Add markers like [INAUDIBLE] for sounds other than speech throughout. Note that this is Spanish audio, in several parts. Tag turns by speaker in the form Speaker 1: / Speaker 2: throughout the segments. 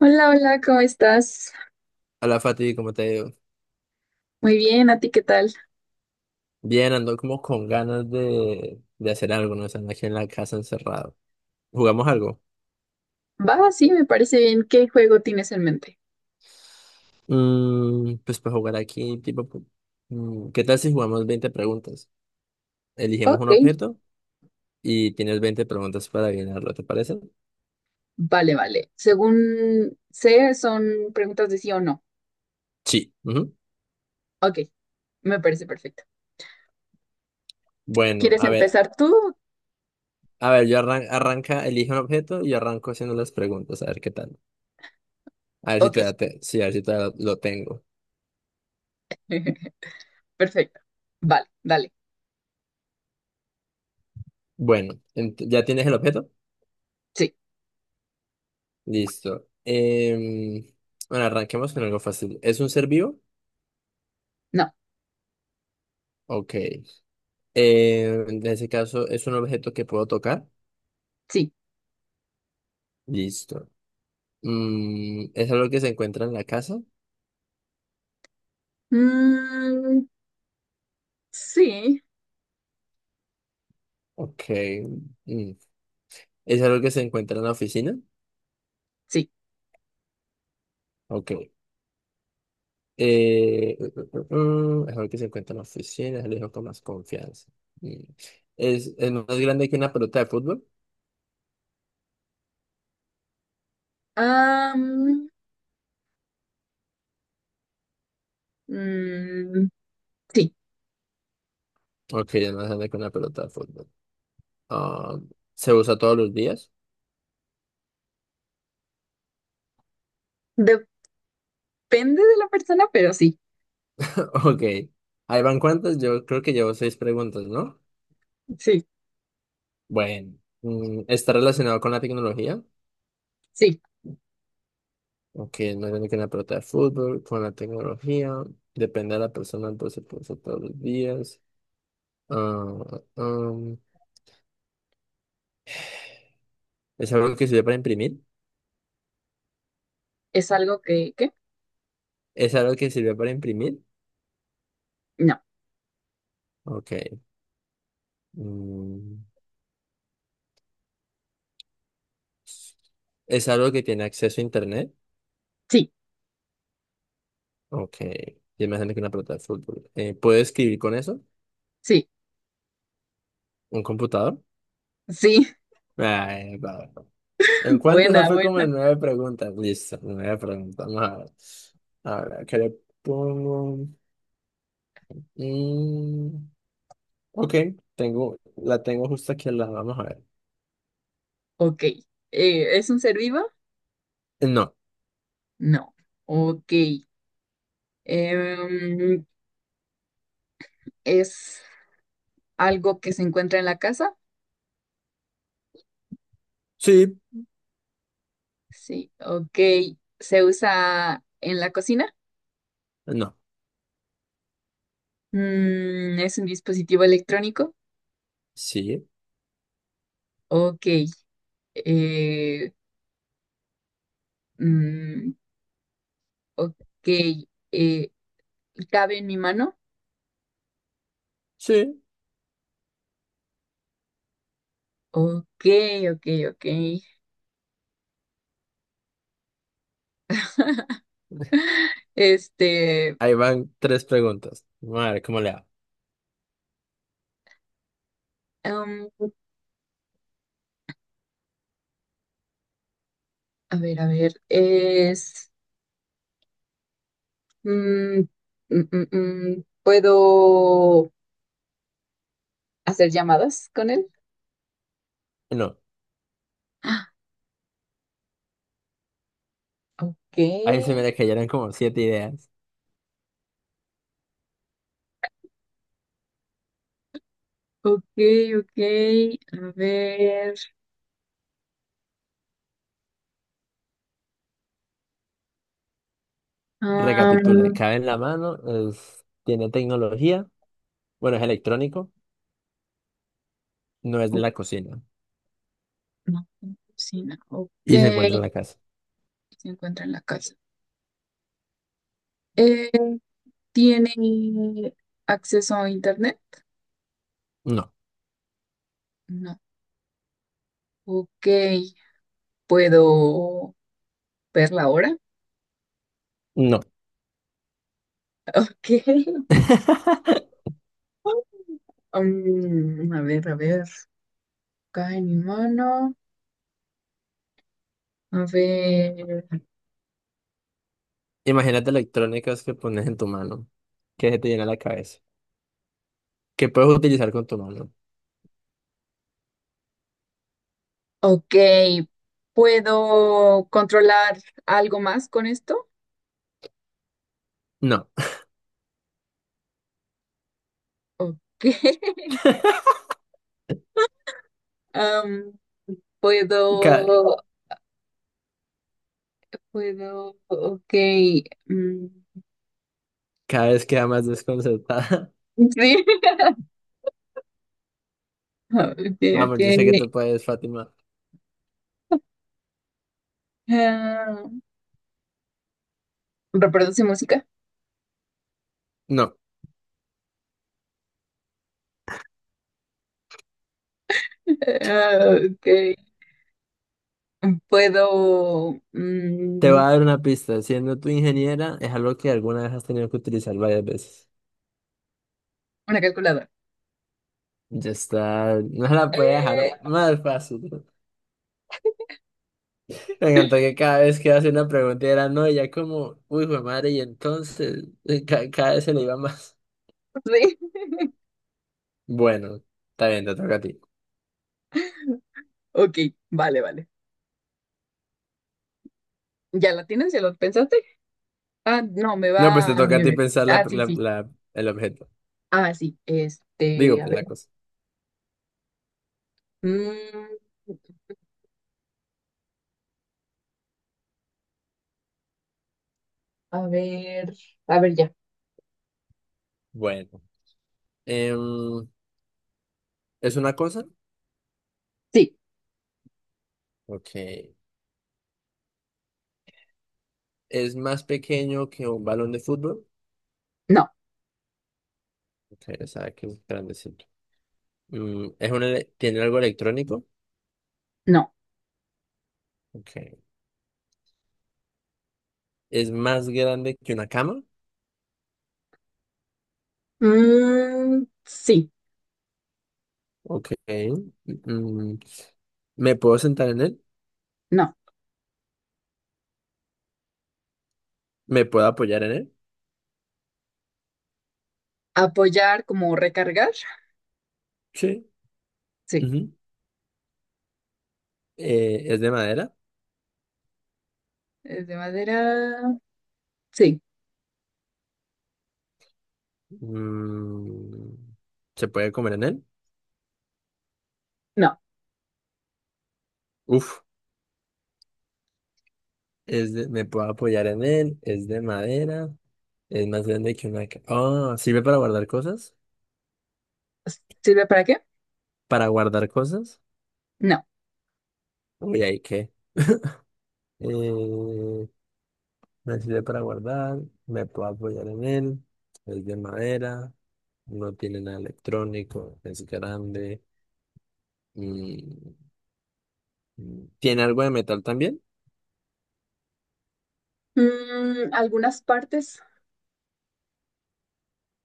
Speaker 1: Hola, hola, ¿cómo estás?
Speaker 2: Hola Fati, ¿cómo te digo?
Speaker 1: Muy bien, ¿a ti qué tal?
Speaker 2: Bien, ando como con ganas de hacer algo, ¿no? Están aquí en la casa encerrado. ¿Jugamos algo?
Speaker 1: Va, sí, me parece bien. ¿Qué juego tienes en mente?
Speaker 2: Pues para jugar aquí, tipo, ¿qué tal si jugamos 20 preguntas? Elegimos un
Speaker 1: Ok,
Speaker 2: objeto y tienes 20 preguntas para adivinarlo, ¿te parece?
Speaker 1: vale, vale. Según sé, son preguntas de sí o no.
Speaker 2: Sí. Ujú.
Speaker 1: Ok, me parece perfecto.
Speaker 2: Bueno,
Speaker 1: ¿Quieres empezar tú?
Speaker 2: a ver, yo arranca, elige un objeto y yo arranco haciendo las preguntas, a ver qué tal. A ver si
Speaker 1: Ok,
Speaker 2: todavía te, sí, a ver si todavía lo tengo.
Speaker 1: [LAUGHS] perfecto. Vale, dale.
Speaker 2: Bueno, ¿ya tienes el objeto?
Speaker 1: Sí,
Speaker 2: Listo. Bueno, arranquemos con algo fácil. ¿Es un ser vivo?
Speaker 1: no,
Speaker 2: Ok. En ese caso, ¿es un objeto que puedo tocar?
Speaker 1: sí.
Speaker 2: Listo. ¿Es algo que se encuentra en la casa?
Speaker 1: Mm, sí,
Speaker 2: Ok. Mm, ¿Es algo que se encuentra en la oficina?
Speaker 1: sí.
Speaker 2: Ok. ¿Es algo que se encuentra en la oficina? Se lo digo con más confianza. Mm. ¿Es más grande que una pelota de fútbol?
Speaker 1: Am, mm, sí,
Speaker 2: Ok, es más grande que una pelota de fútbol. Ah, ¿se usa todos los días?
Speaker 1: depende de la persona, pero sí,
Speaker 2: Ok, ahí van cuántas, yo creo que llevo seis preguntas, ¿no?
Speaker 1: sí,
Speaker 2: Bueno, ¿está relacionado con la tecnología?
Speaker 1: sí.
Speaker 2: Ok, no tiene que una pelota de fútbol, con la tecnología, depende de la persona, entonces puede ser todos los días. Ah, um, ¿Es algo que sirve para imprimir?
Speaker 1: ¿Es algo que, qué?
Speaker 2: ¿Es algo que sirve para imprimir?
Speaker 1: No,
Speaker 2: Ok. mm, ¿Es algo que tiene acceso a internet?
Speaker 1: sí,
Speaker 2: Ok, yo me imagino que una pelota de fútbol. ¿Puedo escribir con eso?
Speaker 1: sí.
Speaker 2: ¿Un computador?
Speaker 1: Sí,
Speaker 2: Ay, va. ¿En
Speaker 1: [LAUGHS]
Speaker 2: cuánto se
Speaker 1: buena,
Speaker 2: fue como
Speaker 1: buena.
Speaker 2: en nueve preguntas? Listo, nueve preguntas. Vamos a ver. Ahora, ¿qué le pongo? Mm, ok, la tengo justo aquí al lado. Vamos a ver.
Speaker 1: Ok. ¿Es un ser vivo?
Speaker 2: No,
Speaker 1: No. Ok. Em, ¿Es algo que se encuentra en la casa?
Speaker 2: sí,
Speaker 1: Sí. Ok. ¿Se usa en la cocina?
Speaker 2: no,
Speaker 1: ¿Es un dispositivo electrónico?
Speaker 2: sí,
Speaker 1: Ok. Eh, mm, ok. Eh, ¿Cabe en mi mano?
Speaker 2: sí.
Speaker 1: Ok, ok, ok. Este,
Speaker 2: Ahí van tres preguntas. Vamos a ver cómo le hago.
Speaker 1: em, a ver, a ver. Mm, mm. ¿Puedo hacer llamadas con él?
Speaker 2: No,
Speaker 1: Ah, ok,
Speaker 2: ahí se me le cayeron como siete ideas.
Speaker 1: ok, ok. A ver.
Speaker 2: Recapitule,
Speaker 1: am,
Speaker 2: cabe en la mano, tiene tecnología, bueno, es electrónico, no es de
Speaker 1: o-
Speaker 2: la cocina
Speaker 1: no, cocina. Ok.
Speaker 2: y se encuentra en
Speaker 1: Se
Speaker 2: la casa.
Speaker 1: encuentra en la casa. Eh, ¿Tiene acceso a internet?
Speaker 2: No,
Speaker 1: No. Ok. ¿Puedo ver la hora?
Speaker 2: no.
Speaker 1: Ok. [LAUGHS]
Speaker 2: [LAUGHS]
Speaker 1: A ver, a ver. Acá en mi mano. A ver.
Speaker 2: Imagínate electrónicas que pones en tu mano, que se te llena la cabeza, que puedes utilizar con tu mano.
Speaker 1: Ok, ¿puedo controlar algo más con esto?
Speaker 2: No,
Speaker 1: Ok, [LAUGHS]
Speaker 2: [LAUGHS]
Speaker 1: am,
Speaker 2: cada,
Speaker 1: puedo, puedo, ok, mm,
Speaker 2: cada vez queda más desconcertada.
Speaker 1: sí, [LAUGHS] ok,
Speaker 2: [LAUGHS]
Speaker 1: ok,
Speaker 2: Vamos, yo sé que tú puedes, Fátima.
Speaker 1: ah, reproduce música,
Speaker 2: No,
Speaker 1: [LAUGHS] Ah, ok, puedo,
Speaker 2: te voy a dar una pista. Siendo tu ingeniera, es algo que alguna vez has tenido que utilizar varias veces.
Speaker 1: una calculadora,
Speaker 2: Ya está, no la puedo dejar
Speaker 1: Eh,
Speaker 2: más fácil. [LAUGHS] Me encantó que cada vez que hace una pregunta era no, y ya como, uy, jue madre, y entonces cada vez se le iba más.
Speaker 1: [LAUGHS] sí,
Speaker 2: Bueno, está bien, te toca a ti.
Speaker 1: ok, vale, vale, ¿ya la tienes? ¿Ya lo pensaste? Ah, no, me
Speaker 2: No, pues
Speaker 1: va
Speaker 2: te
Speaker 1: a...
Speaker 2: toca a ti pensar
Speaker 1: Ah, sí, sí,
Speaker 2: el objeto.
Speaker 1: ah, sí, este,
Speaker 2: Digo,
Speaker 1: a
Speaker 2: pues
Speaker 1: ver.
Speaker 2: la cosa.
Speaker 1: Mm, a ver, a ver ya.
Speaker 2: Bueno, em, ¿es una cosa?
Speaker 1: Sí,
Speaker 2: Ok. ¿Es más pequeño que un balón de fútbol?
Speaker 1: no,
Speaker 2: Ok, o sea, que es grandecito. ¿Tiene algo electrónico?
Speaker 1: no.
Speaker 2: Ok. ¿Es más grande que una cama?
Speaker 1: Sí,
Speaker 2: Ok. Mm, ¿Me puedo sentar en él?
Speaker 1: no.
Speaker 2: ¿Me puedo apoyar en él?
Speaker 1: Apoyar como recargar.
Speaker 2: Sí.
Speaker 1: Sí.
Speaker 2: Ujú. ¿Es de madera?
Speaker 1: ¿Es de madera? Sí,
Speaker 2: Mm, ¿Se puede comer en él?
Speaker 1: no.
Speaker 2: Uf. Me puedo apoyar en él, es de madera. Es más grande que una... ca- Ah, ¿sirve para guardar cosas?
Speaker 1: ¿Sirve para qué?
Speaker 2: ¿Para guardar cosas?
Speaker 1: No.
Speaker 2: Uy, ¿ahí qué? Eh, me sirve para guardar, me puedo apoyar en él, es de madera, no tiene nada electrónico, es grande, mm, ¿tiene algo de metal también?
Speaker 1: Algunas partes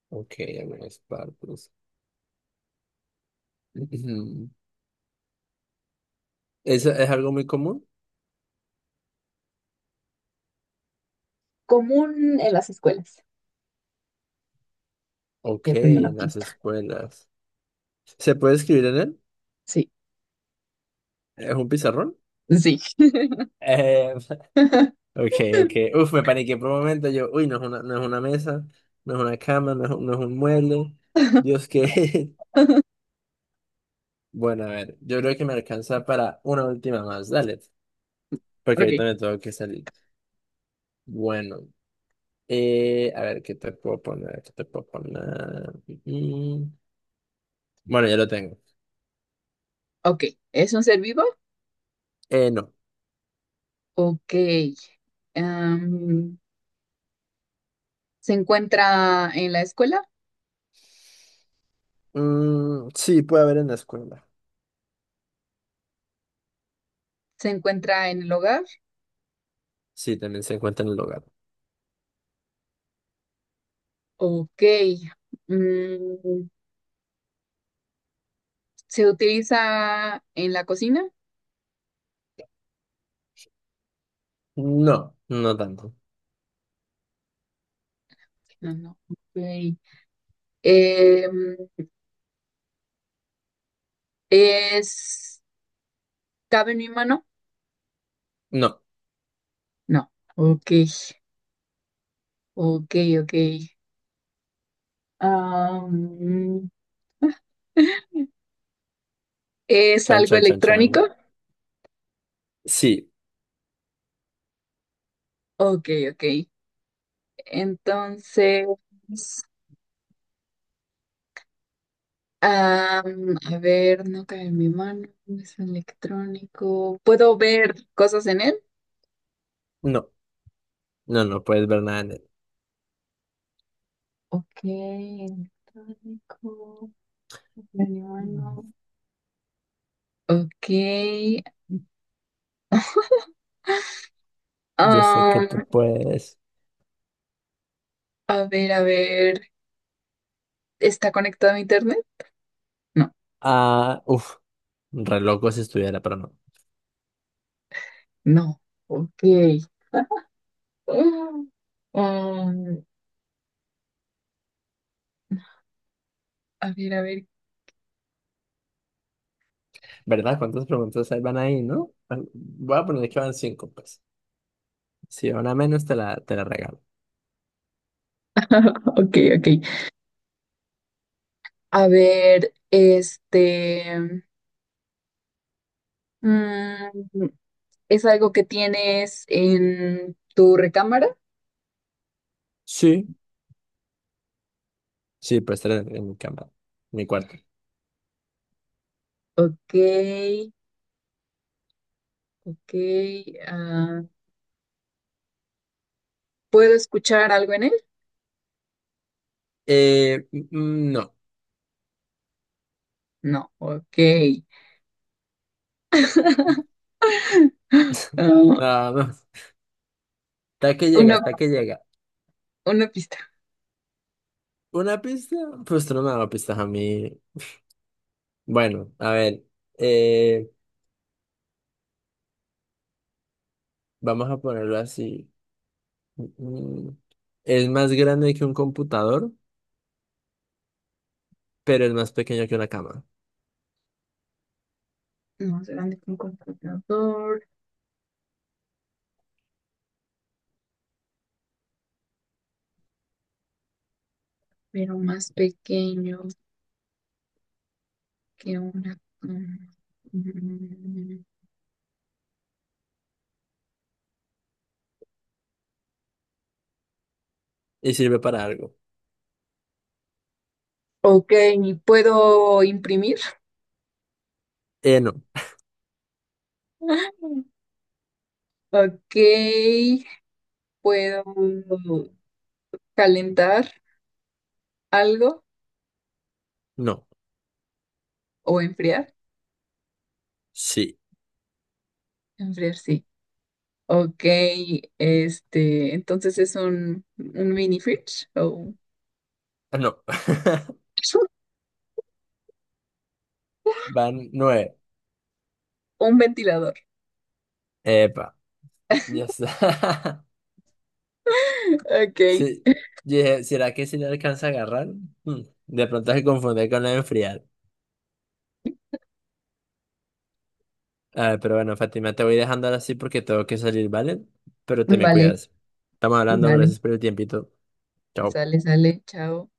Speaker 2: Ok, algunas partes. [CLEARS THROAT] Ujú. ¿Es algo muy común?
Speaker 1: común en las escuelas.
Speaker 2: Ok,
Speaker 1: Ya pedí una
Speaker 2: en las
Speaker 1: pista.
Speaker 2: escuelas. ¿Se puede escribir en él?
Speaker 1: Sí,
Speaker 2: ¿Es un pizarrón?
Speaker 1: sí.
Speaker 2: Eh, [LAUGHS]
Speaker 1: [LAUGHS]
Speaker 2: ok, ok. Uf, me paniqué por un momento. Yo, uy, no es una mesa, no es una cama, no es un mueble. Dios, que. [LAUGHS] Bueno, a ver, yo creo que me alcanza para una última más. Dale, porque
Speaker 1: Ok,
Speaker 2: ahorita me tengo que salir. Bueno, a ver, ¿qué te puedo poner? ¿Qué te puedo poner? Mm, bueno, ya lo tengo.
Speaker 1: ok. ¿Es un ser vivo?
Speaker 2: No.
Speaker 1: Ok. Em, ¿Se encuentra en la escuela?
Speaker 2: Mm, sí, puede haber en la escuela.
Speaker 1: ¿Se encuentra en el hogar?
Speaker 2: Sí, también se encuentra en el hogar.
Speaker 1: Ok. Mm, ¿Se utiliza en la cocina?
Speaker 2: No, no tanto.
Speaker 1: No, no. Ok. Em, ¿es, ¿cabe en mi mano?
Speaker 2: No.
Speaker 1: No. Ok. Ok, ok. Am, [LAUGHS] ¿es
Speaker 2: Chan,
Speaker 1: algo
Speaker 2: chan, chan, chan.
Speaker 1: electrónico?
Speaker 2: Sí.
Speaker 1: Ok, ok. Entonces, a ver, no cae en mi mano, no es electrónico. ¿Puedo ver cosas en él?
Speaker 2: No. No, no puedes ver nada en
Speaker 1: Ok, electrónico.
Speaker 2: él.
Speaker 1: Bueno, Ok.
Speaker 2: Yo sé que tú
Speaker 1: am,
Speaker 2: puedes.
Speaker 1: a ver, a ver. ¿Está conectado a internet? No,
Speaker 2: Ah, uf, re loco si estuviera, pero no.
Speaker 1: no. Ok. Mm. Am, a ver, a ver.
Speaker 2: ¿Verdad? ¿Cuántas preguntas hay van ahí, no? Bueno, voy a poner que van cinco, pues. Si van a menos, te la regalo.
Speaker 1: Ok, ok. A ver, este. mm, ¿Es algo que tienes en tu recámara?
Speaker 2: Sí, sí, pues tres en mi cama, en mi cuarto.
Speaker 1: Ok, ok. ah, ¿puedo escuchar algo en él?
Speaker 2: Mm, no, no.
Speaker 1: No, ok. [LAUGHS] Ah,
Speaker 2: Ah, no. Hasta que llega,
Speaker 1: una,
Speaker 2: hasta que llega.
Speaker 1: una pista.
Speaker 2: ¿Una pista? Pues tú no me das pistas a mí. Bueno, a ver. Eh, vamos a ponerlo así. Mm, Es más grande que un computador, pero es más pequeño que una cama.
Speaker 1: Más grande que un computador, pero más pequeño que una... Mm,
Speaker 2: Y sirve para algo.
Speaker 1: Ok, ¿puedo imprimir?
Speaker 2: No.
Speaker 1: [LAUGHS] Ok, ¿puedo calentar algo
Speaker 2: No.
Speaker 1: o enfriar?
Speaker 2: Sí.
Speaker 1: Enfriar, sí. Ok, este, entonces es un mini fridge o
Speaker 2: Ah, no. [LAUGHS]
Speaker 1: [LAUGHS]
Speaker 2: Van nueve.
Speaker 1: un ventilador.
Speaker 2: Epa. Ya está. [LAUGHS]
Speaker 1: Ok,
Speaker 2: Sí. Dije, ¿será que si le alcanza a agarrar? Mm, De pronto se confunde con la de enfriar. Ah, pero bueno, Fátima, te voy dejando ahora sí porque tengo que salir, ¿vale? Pero te me
Speaker 1: vale,
Speaker 2: cuidas. Estamos hablando,
Speaker 1: vale,
Speaker 2: gracias por el tiempito. Chao.
Speaker 1: sale, sale, chao.